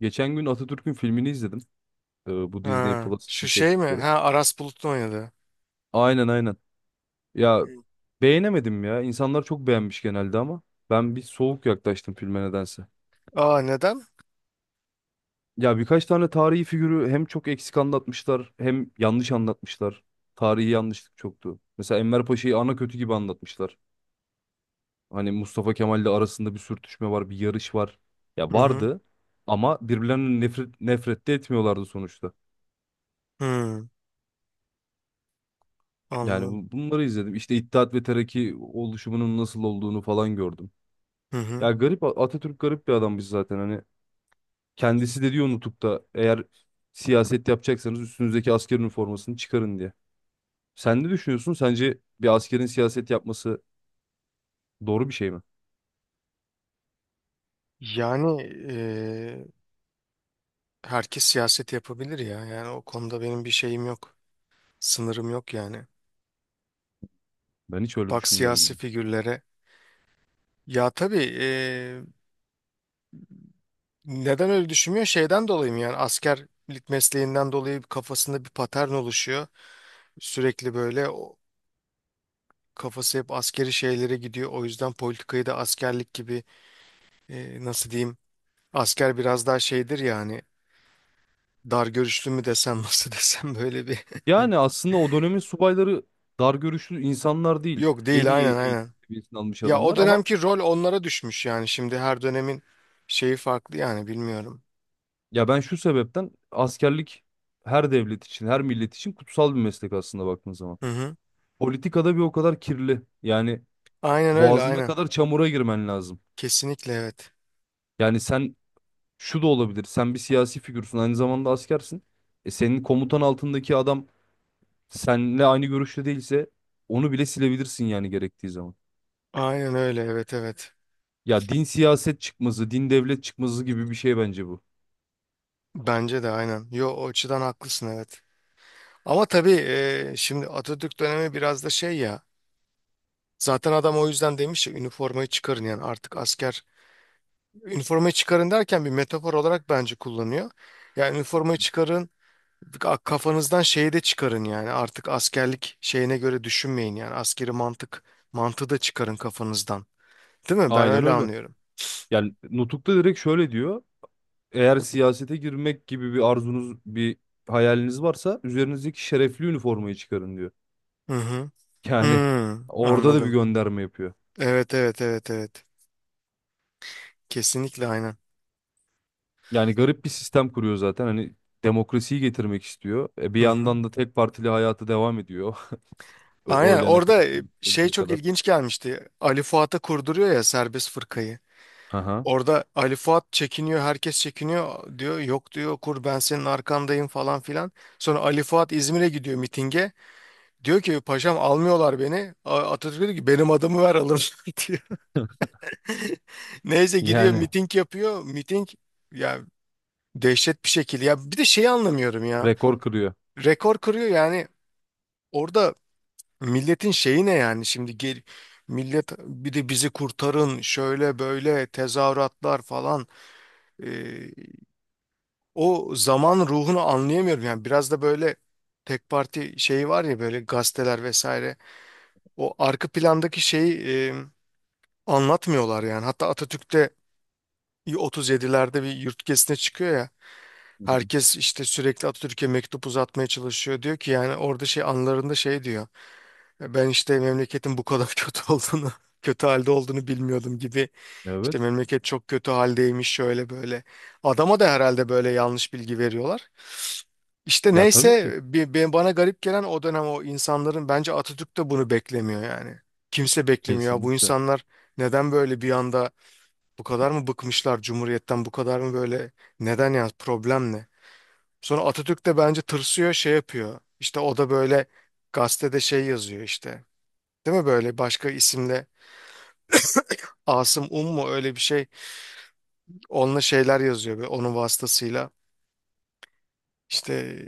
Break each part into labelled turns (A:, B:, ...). A: Geçen gün Atatürk'ün filmini izledim. Bu Disney
B: Ha,
A: Plus için
B: şu şey mi?
A: çektikleri.
B: Ha Aras Bulut'un oynadı.
A: Aynen aynen. Ya
B: Hı.
A: beğenemedim ya. İnsanlar çok beğenmiş genelde ama ben bir soğuk yaklaştım filme nedense.
B: Aa neden?
A: Ya birkaç tane tarihi figürü hem çok eksik anlatmışlar hem yanlış anlatmışlar. Tarihi yanlışlık çoktu. Mesela Enver Paşa'yı ana kötü gibi anlatmışlar. Hani Mustafa Kemal'le arasında bir sürtüşme var, bir yarış var. Ya
B: Hı hı.
A: vardı ama birbirlerinden nefret de etmiyorlardı sonuçta.
B: Hı,
A: Yani
B: anladım.
A: bunları izledim. İşte İttihat ve Terakki oluşumunun nasıl olduğunu falan gördüm.
B: Hı hı.
A: Ya garip Atatürk garip bir adammış zaten hani kendisi de diyor nutukta eğer siyaset yapacaksanız üstünüzdeki asker üniformasını çıkarın diye. Sen ne düşünüyorsun? Sence bir askerin siyaset yapması doğru bir şey mi?
B: Yani herkes siyaset yapabilir ya. Yani o konuda benim bir şeyim yok. Sınırım yok yani.
A: Ben hiç öyle
B: Bak siyasi
A: düşünmüyorum.
B: figürlere. Ya tabii neden öyle düşünmüyor? Şeyden dolayı mı yani askerlik mesleğinden dolayı kafasında bir patern oluşuyor. Sürekli böyle o kafası hep askeri şeylere gidiyor. O yüzden politikayı da askerlik gibi nasıl diyeyim. Asker biraz daha şeydir ya hani dar görüşlü mü desem nasıl desem böyle bir.
A: Yani aslında o dönemin subayları dar görüşlü insanlar değil.
B: Yok
A: En
B: değil
A: iyi
B: aynen
A: eğitim
B: aynen.
A: seviyesini almış
B: Ya o
A: adamlar ama
B: dönemki rol onlara düşmüş yani şimdi her dönemin şeyi farklı yani bilmiyorum.
A: ya ben şu sebepten askerlik her devlet için, her millet için kutsal bir meslek aslında baktığın zaman.
B: Hı hı.
A: Politikada bir o kadar kirli. Yani
B: Aynen öyle
A: boğazına
B: aynen.
A: kadar çamura girmen lazım.
B: Kesinlikle evet.
A: Yani sen şu da olabilir. Sen bir siyasi figürsün. Aynı zamanda askersin. E senin komutan altındaki adam seninle aynı görüşte değilse onu bile silebilirsin yani gerektiği zaman.
B: Aynen öyle evet evet.
A: Ya din siyaset çıkmazı, din devlet çıkmazı gibi bir şey bence bu.
B: Bence de aynen. Yo o açıdan haklısın evet. Ama tabii şimdi Atatürk dönemi biraz da şey ya. Zaten adam o yüzden demiş ya üniformayı çıkarın yani artık asker üniformayı çıkarın derken bir metafor olarak bence kullanıyor. Yani üniformayı çıkarın, kafanızdan şeyi de çıkarın yani artık askerlik şeyine göre düşünmeyin yani askeri mantığı da çıkarın kafanızdan. Değil mi? Ben
A: Aynen
B: öyle
A: öyle.
B: anlıyorum.
A: Yani Nutuk'ta direkt şöyle diyor. Eğer siyasete girmek gibi bir arzunuz, bir hayaliniz varsa üzerinizdeki şerefli üniformayı çıkarın diyor.
B: Hı hı.
A: Yani
B: Hmm,
A: orada da bir
B: anladım.
A: gönderme yapıyor.
B: Evet evet evet evet. Kesinlikle aynen.
A: Yani garip bir sistem kuruyor zaten. Hani demokrasiyi getirmek istiyor. Bir
B: Hı hı.
A: yandan da tek partili hayatı devam ediyor. O
B: Aynen
A: oylayana
B: orada
A: kadar,
B: şey
A: 50'ye
B: çok
A: kadar.
B: ilginç gelmişti. Ali Fuat'a kurduruyor ya serbest fırkayı.
A: Aha.
B: Orada Ali Fuat çekiniyor, herkes çekiniyor diyor. Yok diyor kur ben senin arkandayım falan filan. Sonra Ali Fuat İzmir'e gidiyor mitinge. Diyor ki paşam almıyorlar beni. Atatürk diyor ki benim adımı ver alın diyor. Neyse gidiyor
A: Yani
B: miting yapıyor. Miting ya dehşet bir şekilde. Ya bir de şeyi anlamıyorum ya.
A: rekor kırıyor.
B: Rekor kırıyor yani. Orada milletin şeyi ne yani şimdi gel millet bir de bizi kurtarın şöyle böyle tezahüratlar falan. O zaman ruhunu anlayamıyorum. Yani biraz da böyle tek parti şeyi var ya böyle gazeteler vesaire. O arka plandaki şeyi anlatmıyorlar yani. Hatta Atatürk'te 37'lerde bir yurt gezisine çıkıyor ya.
A: Hı hı.
B: Herkes işte sürekli Atatürk'e mektup uzatmaya çalışıyor. Diyor ki yani orada şey anılarında şey diyor. Ben işte memleketin bu kadar kötü olduğunu, kötü halde olduğunu bilmiyordum gibi. İşte
A: Evet.
B: memleket çok kötü haldeymiş şöyle böyle. Adama da herhalde böyle yanlış bilgi veriyorlar. İşte
A: Ya tabii ki.
B: neyse bana garip gelen o dönem o insanların bence Atatürk de bunu beklemiyor yani. Kimse beklemiyor. Ya bu
A: Kesinlikle.
B: insanlar neden böyle bir anda bu kadar mı bıkmışlar Cumhuriyet'ten? Bu kadar mı böyle neden ya problem ne? Sonra Atatürk de bence tırsıyor şey yapıyor. İşte o da böyle gazetede şey yazıyor işte. Değil mi böyle başka isimle Asım Um mu öyle bir şey. Onunla şeyler yazıyor ve onun vasıtasıyla işte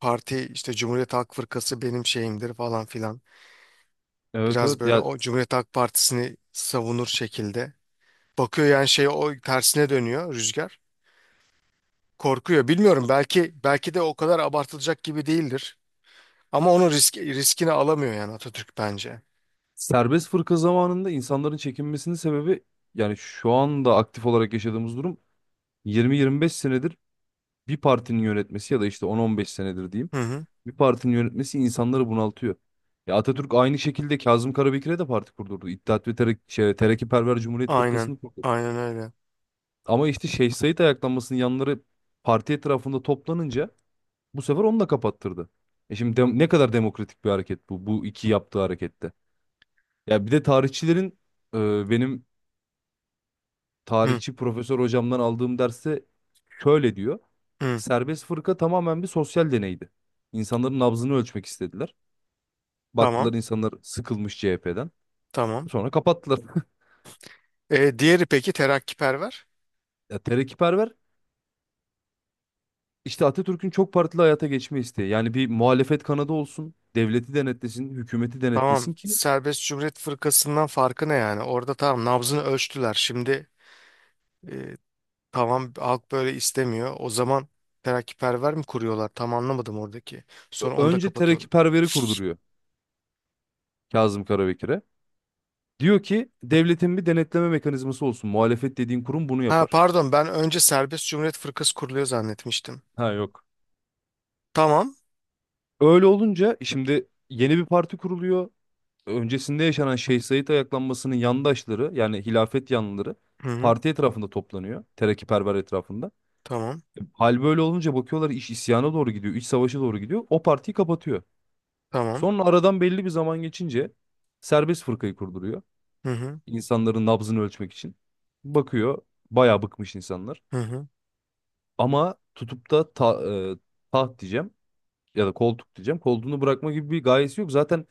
B: parti işte Cumhuriyet Halk Fırkası benim şeyimdir falan filan.
A: Evet
B: Biraz
A: evet.
B: böyle
A: Ya
B: o Cumhuriyet Halk Partisi'ni savunur şekilde. Bakıyor yani şey o tersine dönüyor rüzgar. Korkuyor. Bilmiyorum belki de o kadar abartılacak gibi değildir. Ama onun riskini alamıyor yani Atatürk bence.
A: serbest fırka zamanında insanların çekinmesinin sebebi yani şu anda aktif olarak yaşadığımız durum 20-25 senedir bir partinin yönetmesi ya da işte 10-15 senedir diyeyim.
B: Hı hı.
A: Bir partinin yönetmesi insanları bunaltıyor. Ya Atatürk aynı şekilde Kazım Karabekir'e de parti kurdurdu. İttihat ve Terakkiperver Cumhuriyet
B: Aynen.
A: Fırkası'nı kurdu.
B: Aynen öyle.
A: Ama işte Şeyh Said ayaklanmasının yanları parti etrafında toplanınca bu sefer onu da kapattırdı. E şimdi ne kadar demokratik bir hareket bu, bu iki yaptığı harekette. Ya bir de tarihçilerin benim
B: Hı
A: tarihçi profesör hocamdan aldığım derste şöyle diyor.
B: hı.
A: Serbest fırka tamamen bir sosyal deneydi. İnsanların nabzını ölçmek istediler.
B: Tamam.
A: Baktılar insanlar sıkılmış CHP'den.
B: Tamam.
A: Sonra kapattılar.
B: E, diğeri peki terakkiperver?
A: Ya terakkiperver işte Atatürk'ün çok partili hayata geçme isteği. Yani bir muhalefet kanadı olsun, devleti denetlesin, hükümeti denetlesin
B: Tamam.
A: ki
B: Serbest Cumhuriyet Fırkası'ndan farkı ne yani? Orada tamam nabzını ölçtüler. Şimdi e, tamam halk böyle istemiyor. O zaman terakkiperver mi kuruyorlar? Tam anlamadım oradaki. Sonra onu da
A: önce
B: kapatıyorlar.
A: terakkiperveri kurduruyor Kazım Karabekir'e. Diyor ki devletin bir denetleme mekanizması olsun. Muhalefet dediğin kurum bunu
B: Ha
A: yapar.
B: pardon ben önce Serbest Cumhuriyet Fırkası kuruluyor zannetmiştim.
A: Ha yok.
B: Tamam.
A: Öyle olunca şimdi yeni bir parti kuruluyor. Öncesinde yaşanan Şeyh Said ayaklanmasının yandaşları yani hilafet yanlıları
B: Hı hı.
A: parti etrafında toplanıyor. Terakkiperver etrafında.
B: Tamam.
A: Hal böyle olunca bakıyorlar iş isyana doğru gidiyor. İç savaşa doğru gidiyor. O partiyi kapatıyor.
B: Tamam.
A: Sonra aradan belli bir zaman geçince serbest fırkayı kurduruyor.
B: Hı hı.
A: İnsanların nabzını ölçmek için. Bakıyor bayağı bıkmış insanlar.
B: Hı hı.
A: Ama tutup da e, taht diyeceğim ya da koltuk diyeceğim. Koltuğunu bırakma gibi bir gayesi yok. Zaten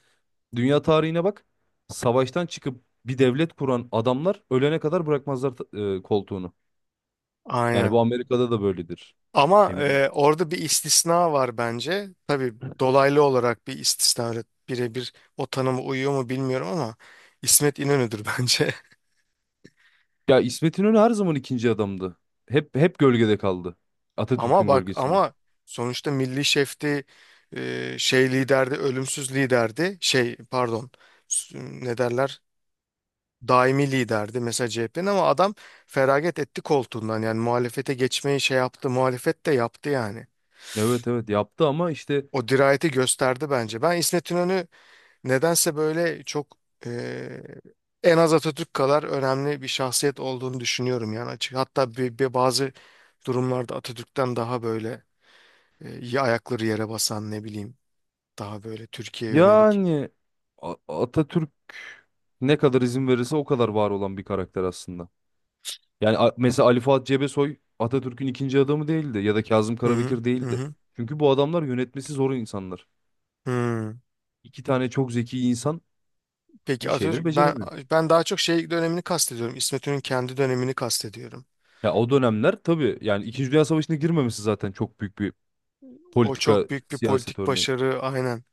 A: dünya tarihine bak. Savaştan çıkıp bir devlet kuran adamlar ölene kadar bırakmazlar koltuğunu. Yani
B: Aynen.
A: bu Amerika'da da böyledir.
B: Ama
A: Ne bileyim.
B: orada bir istisna var bence. Tabii dolaylı olarak bir istisna. Öyle birebir o tanıma uyuyor mu bilmiyorum ama İsmet İnönü'dür bence.
A: Ya İsmet İnönü her zaman ikinci adamdı. Hep gölgede kaldı.
B: Ama
A: Atatürk'ün
B: bak
A: gölgesinde.
B: ama sonuçta milli şefti şey liderdi, ölümsüz liderdi. Şey pardon s- ne derler? Daimi liderdi mesela CHP'nin ama adam feragat etti koltuğundan yani muhalefete geçmeyi şey yaptı muhalefet de yaptı yani.
A: Evet evet yaptı ama işte
B: O dirayeti gösterdi bence. Ben İsmet İnönü nedense böyle çok e, en az Atatürk kadar önemli bir şahsiyet olduğunu düşünüyorum yani açık. Hatta bir bazı durumlarda Atatürk'ten daha böyle iyi ayakları yere basan ne bileyim daha böyle Türkiye'ye yönelik.
A: yani A- Atatürk ne kadar izin verirse o kadar var olan bir karakter aslında. Yani mesela Ali Fuat Cebesoy Atatürk'ün ikinci adamı değildi ya da Kazım
B: Hı hı
A: Karabekir
B: hı
A: değildi.
B: hı.
A: Çünkü bu adamlar yönetmesi zor insanlar.
B: Hı.
A: İki tane çok zeki insan
B: Peki
A: bir
B: Atatürk
A: şeyleri
B: ben
A: beceremiyor.
B: ben daha çok şey dönemini kastediyorum. İsmet İnönü'nün kendi dönemini kastediyorum.
A: Ya o dönemler tabii yani İkinci Dünya Savaşı'na girmemesi zaten çok büyük bir
B: O
A: politika
B: çok büyük bir
A: siyaset
B: politik
A: örneği.
B: başarı aynen.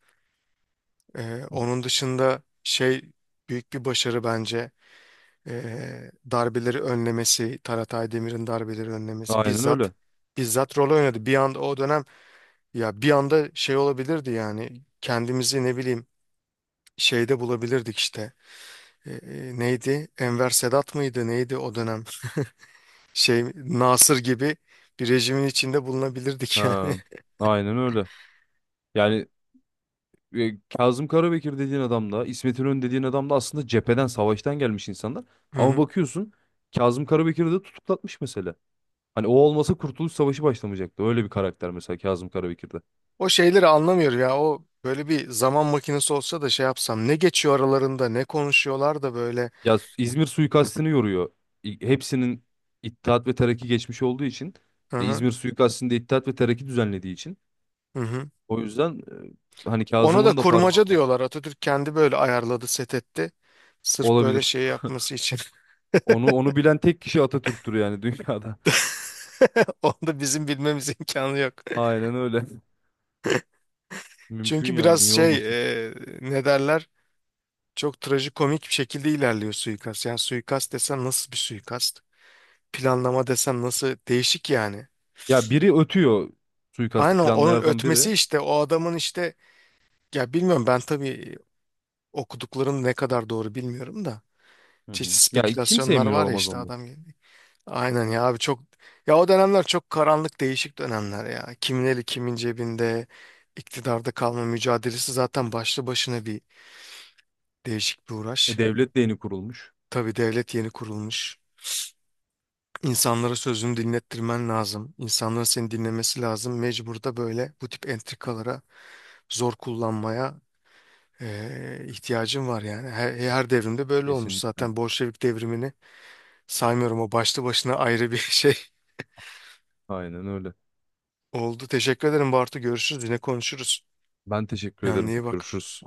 B: Onun dışında şey büyük bir başarı bence darbeleri önlemesi, Taratay Demir'in darbeleri önlemesi
A: Aynen
B: bizzat
A: öyle.
B: bizzat rol oynadı. Bir anda o dönem ya bir anda şey olabilirdi yani kendimizi ne bileyim şeyde bulabilirdik işte. Neydi? Enver Sedat mıydı? Neydi o dönem? Şey Nasır gibi bir rejimin içinde bulunabilirdik yani.
A: Ha, aynen öyle. Yani Kazım Karabekir dediğin adam da İsmet İnönü dediğin adam da aslında cepheden savaştan gelmiş insanlar.
B: Hı
A: Ama
B: hı.
A: bakıyorsun Kazım Karabekir'i de tutuklatmış mesela. Hani o olmasa Kurtuluş Savaşı başlamayacaktı. Öyle bir karakter mesela Kazım Karabekir de.
B: O şeyleri anlamıyor ya. O böyle bir zaman makinesi olsa da şey yapsam. Ne geçiyor aralarında, ne konuşuyorlar da böyle.
A: Ya İzmir suikastını yoruyor. Hepsinin İttihat ve Terakki geçmiş olduğu için
B: Hı hı,
A: İzmir suikastinde İttihat ve Terakki düzenlediği için
B: hı hı.
A: o yüzden hani
B: Ona da
A: Kazım'ın da parmağı
B: kurmaca
A: var.
B: diyorlar. Atatürk kendi böyle ayarladı, set etti. Sırf böyle
A: Olabilir.
B: şey yapması için.
A: Onu bilen tek kişi Atatürk'tür yani dünyada.
B: Onu da bizim bilmemiz imkanı yok.
A: Aynen öyle. Mümkün
B: Çünkü
A: yani
B: biraz
A: niye
B: şey,
A: olmasın.
B: e, ne derler? Çok trajikomik bir şekilde ilerliyor suikast. Yani suikast desen nasıl bir suikast? Planlama desen nasıl? Değişik yani.
A: Ya biri ötüyor suikasti
B: Aynen onun
A: planlayanlardan biri.
B: ötmesi işte o adamın işte ya bilmiyorum ben tabii okuduklarım ne kadar doğru bilmiyorum da
A: Hı
B: çeşitli
A: hı. Ya kimse
B: spekülasyonlar
A: emin
B: var ya
A: olamaz
B: işte
A: ondan.
B: adam gibi. Aynen ya abi çok ya o dönemler çok karanlık değişik dönemler ya. Kimin eli kimin cebinde iktidarda kalma mücadelesi zaten başlı başına bir değişik bir
A: E
B: uğraş.
A: devlet de yeni kurulmuş.
B: Tabii devlet yeni kurulmuş. İnsanlara sözünü dinlettirmen lazım. İnsanların seni dinlemesi lazım. Mecbur da böyle bu tip entrikalara zor kullanmaya ihtiyacın var yani. Her devrimde böyle olmuş
A: Kesinlikle.
B: zaten. Bolşevik devrimini saymıyorum o başlı başına ayrı bir şey
A: Aynen öyle.
B: oldu. Teşekkür ederim Bartu. Görüşürüz. Yine konuşuruz.
A: Ben teşekkür
B: Kendine
A: ederim.
B: iyi bak.
A: Görüşürüz.